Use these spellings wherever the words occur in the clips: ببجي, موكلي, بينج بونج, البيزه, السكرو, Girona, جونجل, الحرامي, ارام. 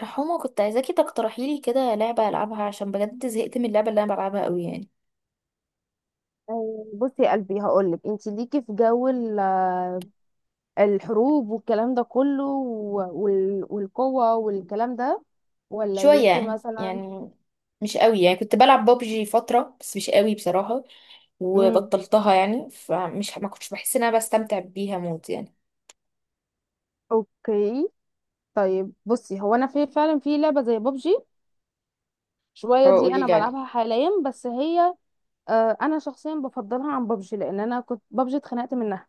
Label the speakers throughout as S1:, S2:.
S1: حمو، كنت عايزاكي تقترحي لي كده لعبة ألعبها عشان بجد زهقت من اللعبة اللي أنا بلعبها قوي يعني.
S2: بصي يا قلبي هقولك انت ليكي في جو الحروب والكلام ده كله والقوة والكلام ده ولا
S1: شوية
S2: ليكي
S1: يعني
S2: مثلا.
S1: يعني مش قوي يعني. كنت بلعب بابجي فترة بس مش قوي بصراحة
S2: امم
S1: وبطلتها يعني. فمش ما كنتش بحس إن أنا بستمتع بيها موت يعني.
S2: اوكي، طيب بصي، هو انا في فعلا في لعبة زي ببجي
S1: اه،
S2: شوية، دي
S1: قولي
S2: انا
S1: لي عليه.
S2: بلعبها حاليا. بس هي، انا شخصيا بفضلها عن ببجي لان انا كنت ببجي اتخنقت منها.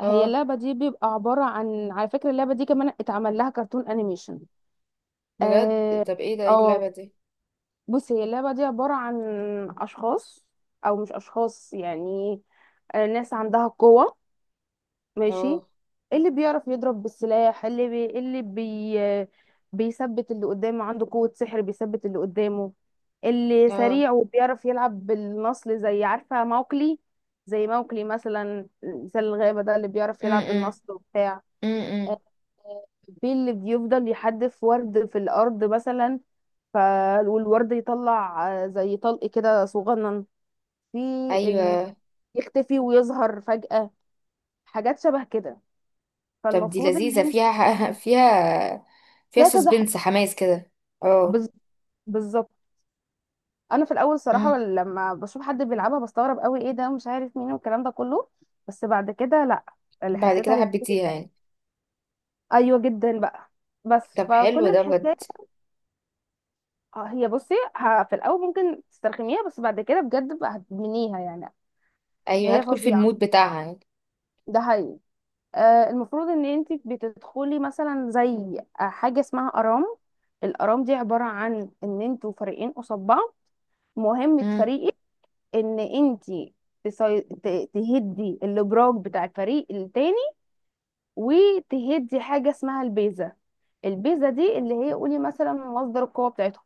S2: هي
S1: اه،
S2: اللعبة دي بيبقى عبارة عن، على فكرة اللعبة دي كمان اتعمل لها كرتون انيميشن.
S1: بجد؟
S2: اه.
S1: طب، ايه
S2: آه،
S1: اللعبة دي؟
S2: بص هي اللعبة دي عبارة عن أشخاص، أو مش أشخاص يعني، ناس عندها قوة. ماشي.
S1: اه.
S2: اللي بيعرف يضرب بالسلاح اللي بي... اللي بي... آه، بيثبت اللي قدامه، عنده قوة سحر بيثبت اللي قدامه. اللي
S1: اه.
S2: سريع وبيعرف يلعب بالنصل زي عارفة موكلي، زي موكلي مثلا، مثل الغابة ده، اللي بيعرف يلعب
S1: امم.
S2: بالنصل وبتاع.
S1: امم.
S2: آه، بيه اللي بيفضل يحدف ورد في الأرض مثلا، ف، والورد يطلع زي طلق كده صغنن، في ال...
S1: ايوه.
S2: يختفي ويظهر فجأة، حاجات شبه كده.
S1: طب، دي
S2: فالمفروض ان
S1: لذيذة،
S2: انت،
S1: فيها فيها
S2: فيها
S1: سسبنس، حماس كده. اه.
S2: بز... بالظبط. انا في الاول صراحة
S1: امم.
S2: لما بشوف حد بيلعبها بستغرب قوي، ايه ده ومش عارف مين والكلام ده كله. بس بعد كده لا، اللي
S1: بعد
S2: حسيتها
S1: كده
S2: لذيذة
S1: حبيتيها
S2: جدا.
S1: يعني؟
S2: ايوه جدا بقى، بس
S1: طب،
S2: فكل
S1: حلو ده
S2: الحكايه،
S1: بجد.
S2: هي بصي، في الاول ممكن تسترخميها بس بعد كده بجد بقى هتدمنيها يعني.
S1: ايوه،
S2: هي
S1: هدخل في
S2: فظيعه،
S1: المود بتاعها يعني.
S2: ده حقيقي. المفروض ان انت بتدخلي مثلا زي حاجه اسمها ارام. الارام دي عباره عن ان انتوا فريقين قصاد بعض. مهمه
S1: امم.
S2: فريقك ان انت تهدي الابراج بتاع الفريق التاني، وتهدي حاجه اسمها البيزه. البيزه دي اللي هي، قولي مثلا، مصدر القوه بتاعتهم.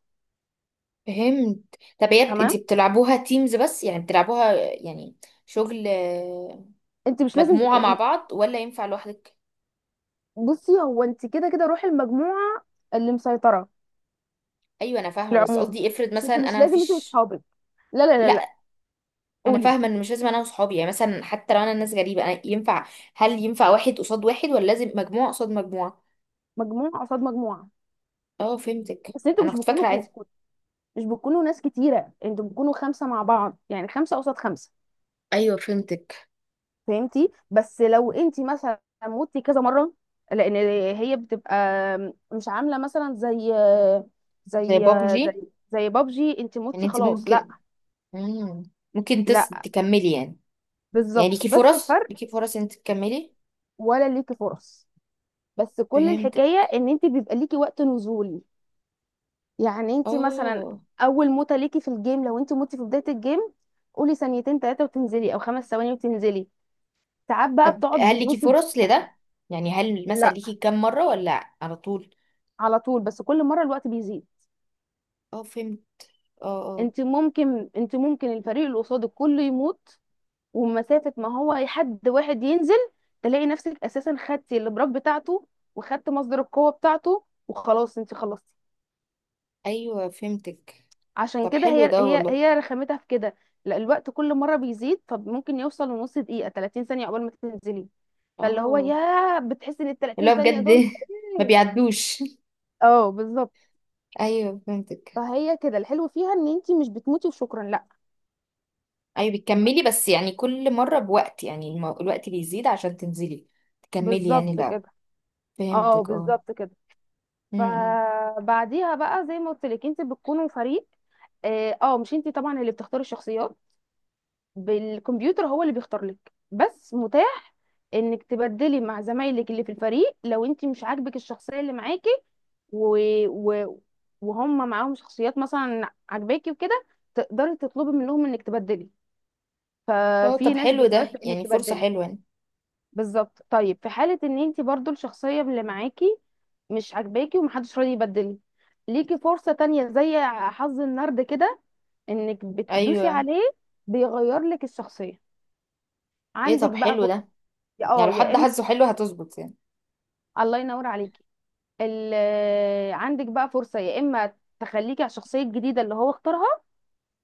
S1: فهمت. طب، انتي
S2: تمام.
S1: بتلعبوها تيمز بس، يعني بتلعبوها يعني شغل،
S2: انت مش لازم
S1: مجموعة مع
S2: ت-
S1: بعض ولا ينفع لوحدك؟
S2: بصي هو انت كده كده روحي المجموعه اللي مسيطره
S1: ايوه، انا
S2: في
S1: فاهمة، بس
S2: العموم.
S1: قصدي افرض
S2: بس
S1: مثلا
S2: انت مش
S1: انا
S2: لازم انت
S1: مفيش.
S2: واصحابك، لا لا لا
S1: لا،
S2: لا
S1: انا
S2: قولي.
S1: فاهمة ان مش لازم انا وصحابي، يعني مثلا حتى لو انا ناس غريبة أنا ينفع. هل ينفع واحد قصاد واحد ولا لازم مجموعة قصاد مجموعة؟
S2: مجموعه قصاد مجموعه.
S1: اه، فهمتك،
S2: بس انتوا
S1: انا
S2: مش
S1: كنت فاكرة عادي.
S2: مش بتكونوا ناس كتيره، انتوا بتكونوا خمسه مع بعض، يعني خمسه قصاد خمسه.
S1: ايوه، فهمتك.
S2: فهمتي. بس لو انت مثلا موتي كذا مره، لان هي بتبقى مش عامله مثلا زي،
S1: زي
S2: زي
S1: بابجي.
S2: زي بابجي، انت
S1: يعني
S2: موتي
S1: انتي
S2: خلاص لا.
S1: ممكن. مم. ممكن
S2: لا،
S1: تكملي يعني. يعني
S2: بالظبط،
S1: ليكي
S2: بس
S1: فرص
S2: الفرق،
S1: ليكي فرص انت تكملي.
S2: ولا ليكي فرص، بس كل الحكايه
S1: فهمتك.
S2: ان انت بيبقى ليكي وقت نزول. يعني انت مثلا
S1: اه.
S2: اول موته ليكي في الجيم، لو انت موتي في بدايه الجيم، قولي ثانيتين ثلاثه وتنزلي، او خمس ثواني وتنزلي. ساعات بقى
S1: طب،
S2: بتقعد
S1: هل ليكي
S2: بالنص.
S1: فرص لده؟ يعني هل مثلا
S2: لا،
S1: ليكي كام مرة ولا على طول؟
S2: على طول، بس كل مره الوقت بيزيد.
S1: اه، فهمت. اه. اه.
S2: انت ممكن الفريق اللي قصادك كله يموت، ومسافه ما هو حد واحد ينزل، تلاقي نفسك اساسا خدتي البراك بتاعته، وخدت مصدر القوه بتاعته، وخلاص انت خلصتي.
S1: ايوه، فهمتك.
S2: عشان
S1: طب،
S2: كده
S1: حلو
S2: هي
S1: ده
S2: هي
S1: والله.
S2: هي رخامتها في كده. لا، الوقت كل مره بيزيد، فممكن يوصل لنص دقيقه، 30 ثانيه قبل ما تنزلي، فاللي هو
S1: اه.
S2: يا بتحسي ان ال
S1: اللي
S2: 30
S1: هو
S2: ثانيه
S1: بجد
S2: دول
S1: ما بيعدوش.
S2: اه بالظبط.
S1: ايوه، فهمتك.
S2: فهي كده الحلو فيها ان انتي مش بتموتي وشكرا لا
S1: ايوه،
S2: بس.
S1: بتكملي، بس يعني كل مرة بوقت، يعني الوقت بيزيد عشان تنزلي تكملي يعني.
S2: بالظبط
S1: لا.
S2: كده. اه
S1: فهمتك. اه.
S2: بالظبط كده.
S1: م.
S2: فبعديها بقى زي ما قلت لك انت بتكونوا فريق. اه، مش انت طبعا اللي بتختاري الشخصيات، بالكمبيوتر هو اللي بيختار لك. بس متاح انك تبدلي مع زمايلك اللي في الفريق، لو انت مش عاجبك الشخصيه اللي معاكي، و... و... وهم معاهم شخصيات مثلا عاجباكي وكده، تقدري تطلبي منهم انك تبدلي.
S1: اه،
S2: ففي
S1: طب
S2: ناس
S1: حلو ده،
S2: بتوافق انك
S1: يعني فرصة
S2: تبدلي.
S1: حلوة يعني.
S2: بالظبط. طيب في حالة ان انت برضو الشخصية اللي معاكي مش عاجباكي، ومحدش راضي يبدل، ليكي فرصة تانية، زي حظ النرد كده، انك بتدوسي
S1: ايوه.
S2: عليه، بيغير لك الشخصية،
S1: ايه،
S2: عندك
S1: طب
S2: بقى
S1: حلو
S2: فرصة.
S1: ده. يعني
S2: اه
S1: لو
S2: يا
S1: حد
S2: اما،
S1: حاسه حلو هتظبط يعني.
S2: الله ينور عليكي، ال... آه، عندك بقى فرصة يا اما تخليكي على الشخصية الجديدة اللي هو اختارها،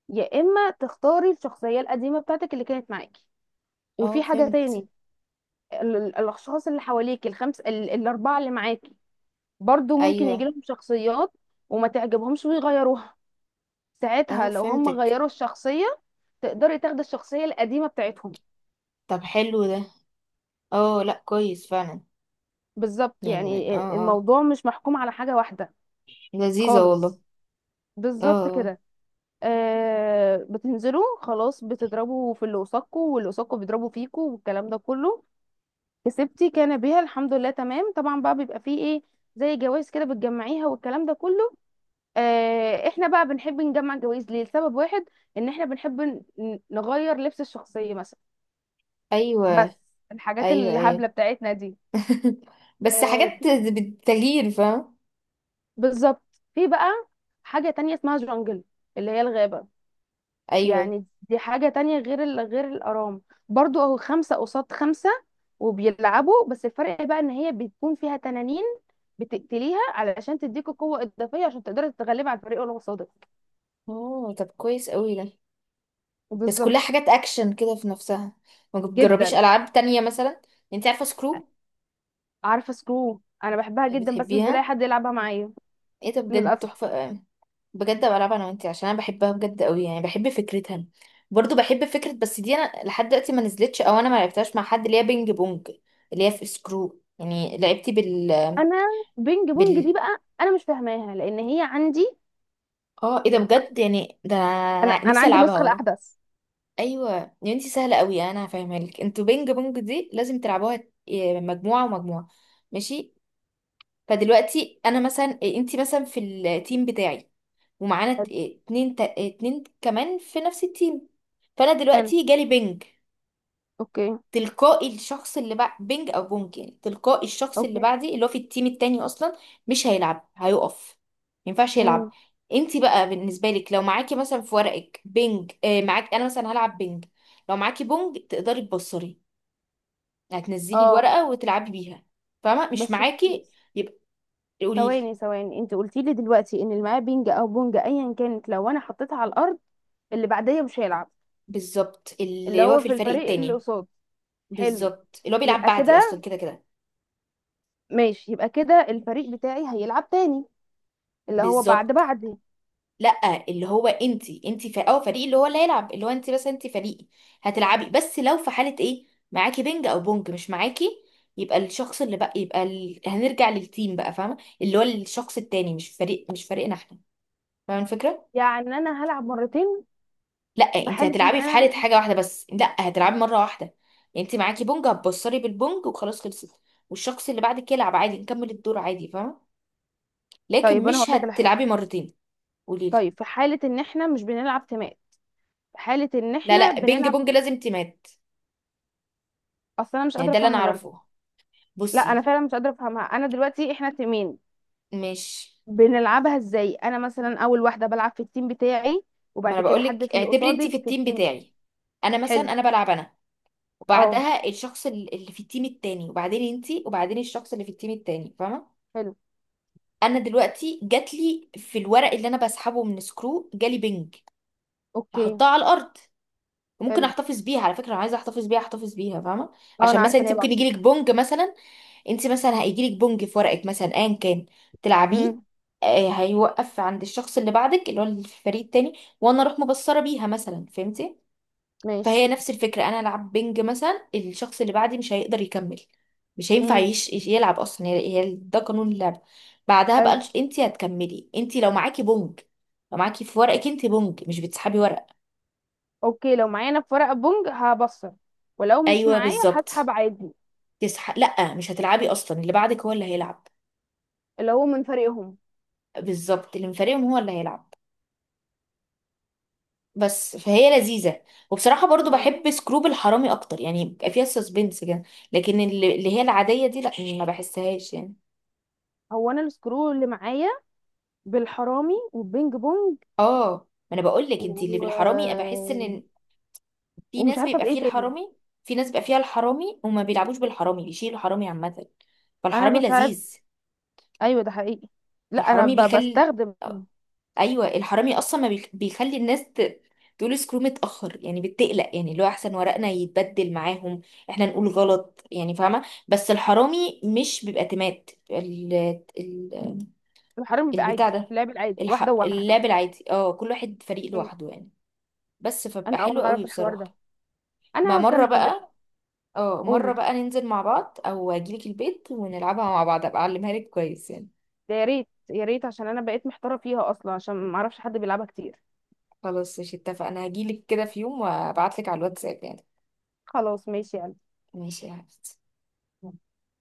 S2: يا اما تختاري الشخصية القديمة بتاعتك اللي كانت معاكي.
S1: اه،
S2: وفي حاجة
S1: فهمت.
S2: تاني، الاشخاص اللي حواليك، الخمس، الاربعة اللي معاكي، برضو ممكن يجي
S1: ايوه.
S2: لهم شخصيات وما تعجبهمش ويغيروها،
S1: اه،
S2: ساعتها لو هم
S1: فهمتك.
S2: غيروا الشخصية تقدري تاخدي الشخصية القديمة بتاعتهم.
S1: طب، حلو ده. اه، لا كويس فعلا.
S2: بالظبط،
S1: يعني اه.
S2: يعني
S1: اه.
S2: الموضوع مش محكوم على حاجة واحدة
S1: لذيذة والله.
S2: خالص.
S1: اه.
S2: بالظبط
S1: آه. اه.
S2: كده. آه، بتنزلوا خلاص، بتضربوا في اللي قصادكوا، واللي قصادكوا بيضربوا فيكوا والكلام ده كله. كسبتي كان بيها الحمد لله تمام. طبعا بقى بيبقى فيه ايه، زي جوائز كده بتجمعيها والكلام ده كله. احنا بقى بنحب نجمع جوائز ليه، لسبب واحد، ان احنا بنحب نغير لبس الشخصية مثلا، بس
S1: ايوه.
S2: الحاجات
S1: ايوه. ايوه.
S2: الهبلة بتاعتنا دي.
S1: بس
S2: آه،
S1: حاجات
S2: في-
S1: بالتغيير، فاهم.
S2: بالظبط. في بقى حاجة تانية اسمها جونجل، اللي هي الغابة،
S1: ايوه.
S2: يعني دي حاجة تانية غير غير الأرام. برضو اهو خمسة قصاد خمسة، وبيلعبوا، بس الفرق بقى ان هي بتكون فيها تنانين، بتقتليها علشان تديكوا قوة إضافية عشان تقدري تتغلبي على الفريق اللي قصادك.
S1: اه، طب كويس قوي ده. بس
S2: بالظبط.
S1: كلها حاجات اكشن كده في نفسها، ما بتجربيش
S2: جدا.
S1: العاب تانية مثلا؟ انت عارفة سكرو؟
S2: عارفه سكرو، انا بحبها جدا بس مش بلاقي
S1: بتحبيها؟
S2: حد يلعبها معايا
S1: ايه ده بجد،
S2: للاسف.
S1: تحفة. بجد، بلعب انا وانتي عشان انا بحبها بجد قوي، يعني بحب فكرتها. برضو بحب فكرة، بس دي انا لحد دلوقتي ما نزلتش، او انا ما لعبتهاش مع حد، اللي هي بينج بونج. اللي هي في سكرو، يعني لعبتي بال
S2: انا بينج بونج دي
S1: بال
S2: بقى انا مش فاهماها، لان هي عندي،
S1: اه، ايه ده بجد، يعني ده
S2: انا
S1: أنا
S2: انا
S1: نفسي
S2: عندي
S1: العبها
S2: النسخه
S1: والله.
S2: الاحدث.
S1: ايوه. يا انتي، سهلة قوي، انا هفهمها لك. انتوا بينج بونج دي لازم تلعبوها، مجموعة ومجموعة. ماشي. فدلوقتي انا مثلا، انتي مثلا في التيم بتاعي، ومعانا
S2: حلو.
S1: اتنين اتنين كمان في نفس التيم. فانا
S2: حلو.
S1: دلوقتي جالي بنج.
S2: اوكي.
S1: تلقائي الشخص اللي بعد بنج او بونج، يعني تلقائي الشخص اللي
S2: اوكي.
S1: بعدي، اللي هو في التيم التاني اصلا، مش هيلعب، هيقف. ما ينفعش يلعب.
S2: امم.
S1: انتي بقى بالنسبه لك لو معاكي مثلا في ورقك بنج، اه، معاك، انا مثلا هلعب بنج. لو معاكي بونج تقدري تبصري، هتنزلي
S2: اه
S1: الورقه وتلعبي بيها. فاهمه؟ مش
S2: بس.
S1: معاكي، يبقى، قولي لي.
S2: ثواني ثواني، انت قلتي لي دلوقتي ان اللي معاه بينج او بونج ايا كانت، لو انا حطيتها على الارض اللي بعديه مش هيلعب.
S1: بالظبط،
S2: اللي
S1: اللي هو
S2: هو
S1: في
S2: في
S1: الفريق
S2: الفريق اللي
S1: التاني.
S2: قصاد. حلو،
S1: بالظبط، اللي هو بيلعب
S2: يبقى
S1: بعدي اصلا
S2: كده،
S1: كده كده.
S2: ماشي يبقى كده الفريق بتاعي هيلعب تاني، اللي هو بعد
S1: بالظبط،
S2: بعدي.
S1: لا، اللي هو انت، او فريق، اللي هو اللي هيلعب، اللي هو انت، بس انت فريق هتلعبي. بس لو في حاله ايه معاكي بنج او بونج مش معاكي، يبقى الشخص اللي بقى يبقى هنرجع للتيم بقى. فاهمه؟ اللي هو الشخص التاني، مش فريق، مش فريقنا احنا. فاهمه الفكره؟
S2: يعني انا هلعب مرتين.
S1: لا،
S2: في
S1: انت
S2: حالة ان
S1: هتلعبي في حاله
S2: انا،
S1: حاجه واحده بس، لا، هتلعبي مره واحده. انت معاكي بونج، هتبصري بالبونج وخلاص، خلصت. والشخص اللي بعدك يلعب عادي، نكمل الدور عادي. فاهمه؟ لكن
S2: طيب انا
S1: مش
S2: هقول لك على حاجة.
S1: هتلعبي مرتين. قولي لي.
S2: طيب في حالة ان احنا مش بنلعب تيمات، في حالة ان
S1: لا،
S2: احنا
S1: لا، بينج
S2: بنلعب،
S1: بونج لازم تيمات.
S2: اصل انا مش
S1: يعني
S2: قادرة
S1: ده اللي انا
S2: افهمها برضه.
S1: اعرفه.
S2: لا انا
S1: بصي.
S2: فعلا مش قادرة افهمها. انا دلوقتي احنا تيمين،
S1: مش.
S2: بنلعبها ازاي؟ انا مثلا اول واحدة بلعب في التيم بتاعي،
S1: ما انا
S2: وبعد كده حد
S1: بقولك،
S2: في اللي
S1: اعتبري انت
S2: قصادي
S1: في
S2: في
S1: التيم
S2: التيم.
S1: بتاعي، انا مثلا،
S2: حلو.
S1: انا بلعب انا،
S2: اه.
S1: وبعدها الشخص اللي في التيم التاني، وبعدين انت، وبعدين الشخص اللي في التيم التاني. فاهمه؟
S2: حلو.
S1: انا دلوقتي جات لي في الورق اللي انا بسحبه من سكرو، جالي بنج.
S2: اوكي.
S1: هحطها على الارض، وممكن
S2: حلو.
S1: احتفظ بيها، على فكره، لو عايزه احتفظ بيها احتفظ بيها. فاهمه؟
S2: اه، انا
S1: عشان مثلا
S2: عارفة ان
S1: انت
S2: هي
S1: ممكن
S2: بعشرة.
S1: يجيلك بونج مثلا. انت مثلا هيجيلك بونج في ورقك مثلا ايا كان، تلعبيه.
S2: امم.
S1: هيوقف عند الشخص اللي بعدك، اللي هو اللي في الفريق التاني، وانا اروح مبصره بيها مثلا. فهمتي؟
S2: ماشي.
S1: فهي نفس الفكره. انا العب بينج مثلا، الشخص اللي بعدي مش هيقدر يكمل، مش هينفع
S2: امم.
S1: يلعب اصلا. هي ده قانون اللعب. بعدها بقى
S2: حلو.
S1: انت هتكملي، انت لو معاكي بونج، لو معاكي في ورقك انت بونج مش بتسحبي ورق.
S2: اوكي، لو معايا انا في ورقة بونج هبصر، ولو مش
S1: ايوه،
S2: معايا
S1: بالظبط.
S2: هسحب عادي.
S1: لا، مش هتلعبي اصلا، اللي بعدك هو اللي هيلعب.
S2: اللي هو من فريقهم.
S1: بالظبط، اللي من فريقهم هو اللي هيلعب. بس فهي لذيذة. وبصراحة برضو بحب سكروب الحرامي أكتر، يعني بيبقى فيها سسبنس كده. لكن اللي هي العادية دي لأ، ما بحسهاش يعني.
S2: هو انا السكرو اللي معايا بالحرامي والبينج بونج،
S1: اه، ما أنا بقولك،
S2: و...
S1: انتي اللي بالحرامي، بحس إن في
S2: ومش
S1: ناس
S2: عارفه
S1: بيبقى
S2: بايه
S1: فيه
S2: تاني.
S1: الحرامي. في ناس بيبقى فيها الحرامي وما بيلعبوش بالحرامي، بيشيلوا الحرامي عامة.
S2: انا
S1: فالحرامي
S2: بساعد.
S1: لذيذ.
S2: ايوه ده حقيقي. لا انا
S1: الحرامي بيكل.
S2: بستخدم.
S1: ايوه، الحرامي اصلا ما بيخلي الناس تقول سكرو متاخر، يعني بتقلق، يعني اللي هو احسن ورقنا يتبدل معاهم، احنا نقول غلط يعني. فاهمه؟ بس الحرامي مش بيبقى تمات، ال ال
S2: الحرامي بيبقى عادي،
S1: البتاع ده.
S2: اللعب العادي، واحده وواحده.
S1: اللعب العادي، كل واحد فريق لوحده يعني. بس
S2: انا
S1: فبقى
S2: اول
S1: حلو
S2: مره
S1: قوي
S2: اعرف الحوار ده،
S1: بصراحه. ما
S2: انا
S1: مره
S2: كان في
S1: بقى. اه، مره
S2: قولي،
S1: بقى ننزل مع بعض، او اجيلك البيت ونلعبها مع بعض، ابقى اعلمها لك كويس يعني.
S2: ده يا ريت يا ريت، عشان انا بقيت محتاره فيها اصلا، عشان ما اعرفش حد بيلعبها كتير.
S1: خلاص، مش اتفقنا، هجيلك كده في يوم وابعتلك على الواتساب يعني.
S2: خلاص ماشي يعني.
S1: ماشي يا حبيبتي.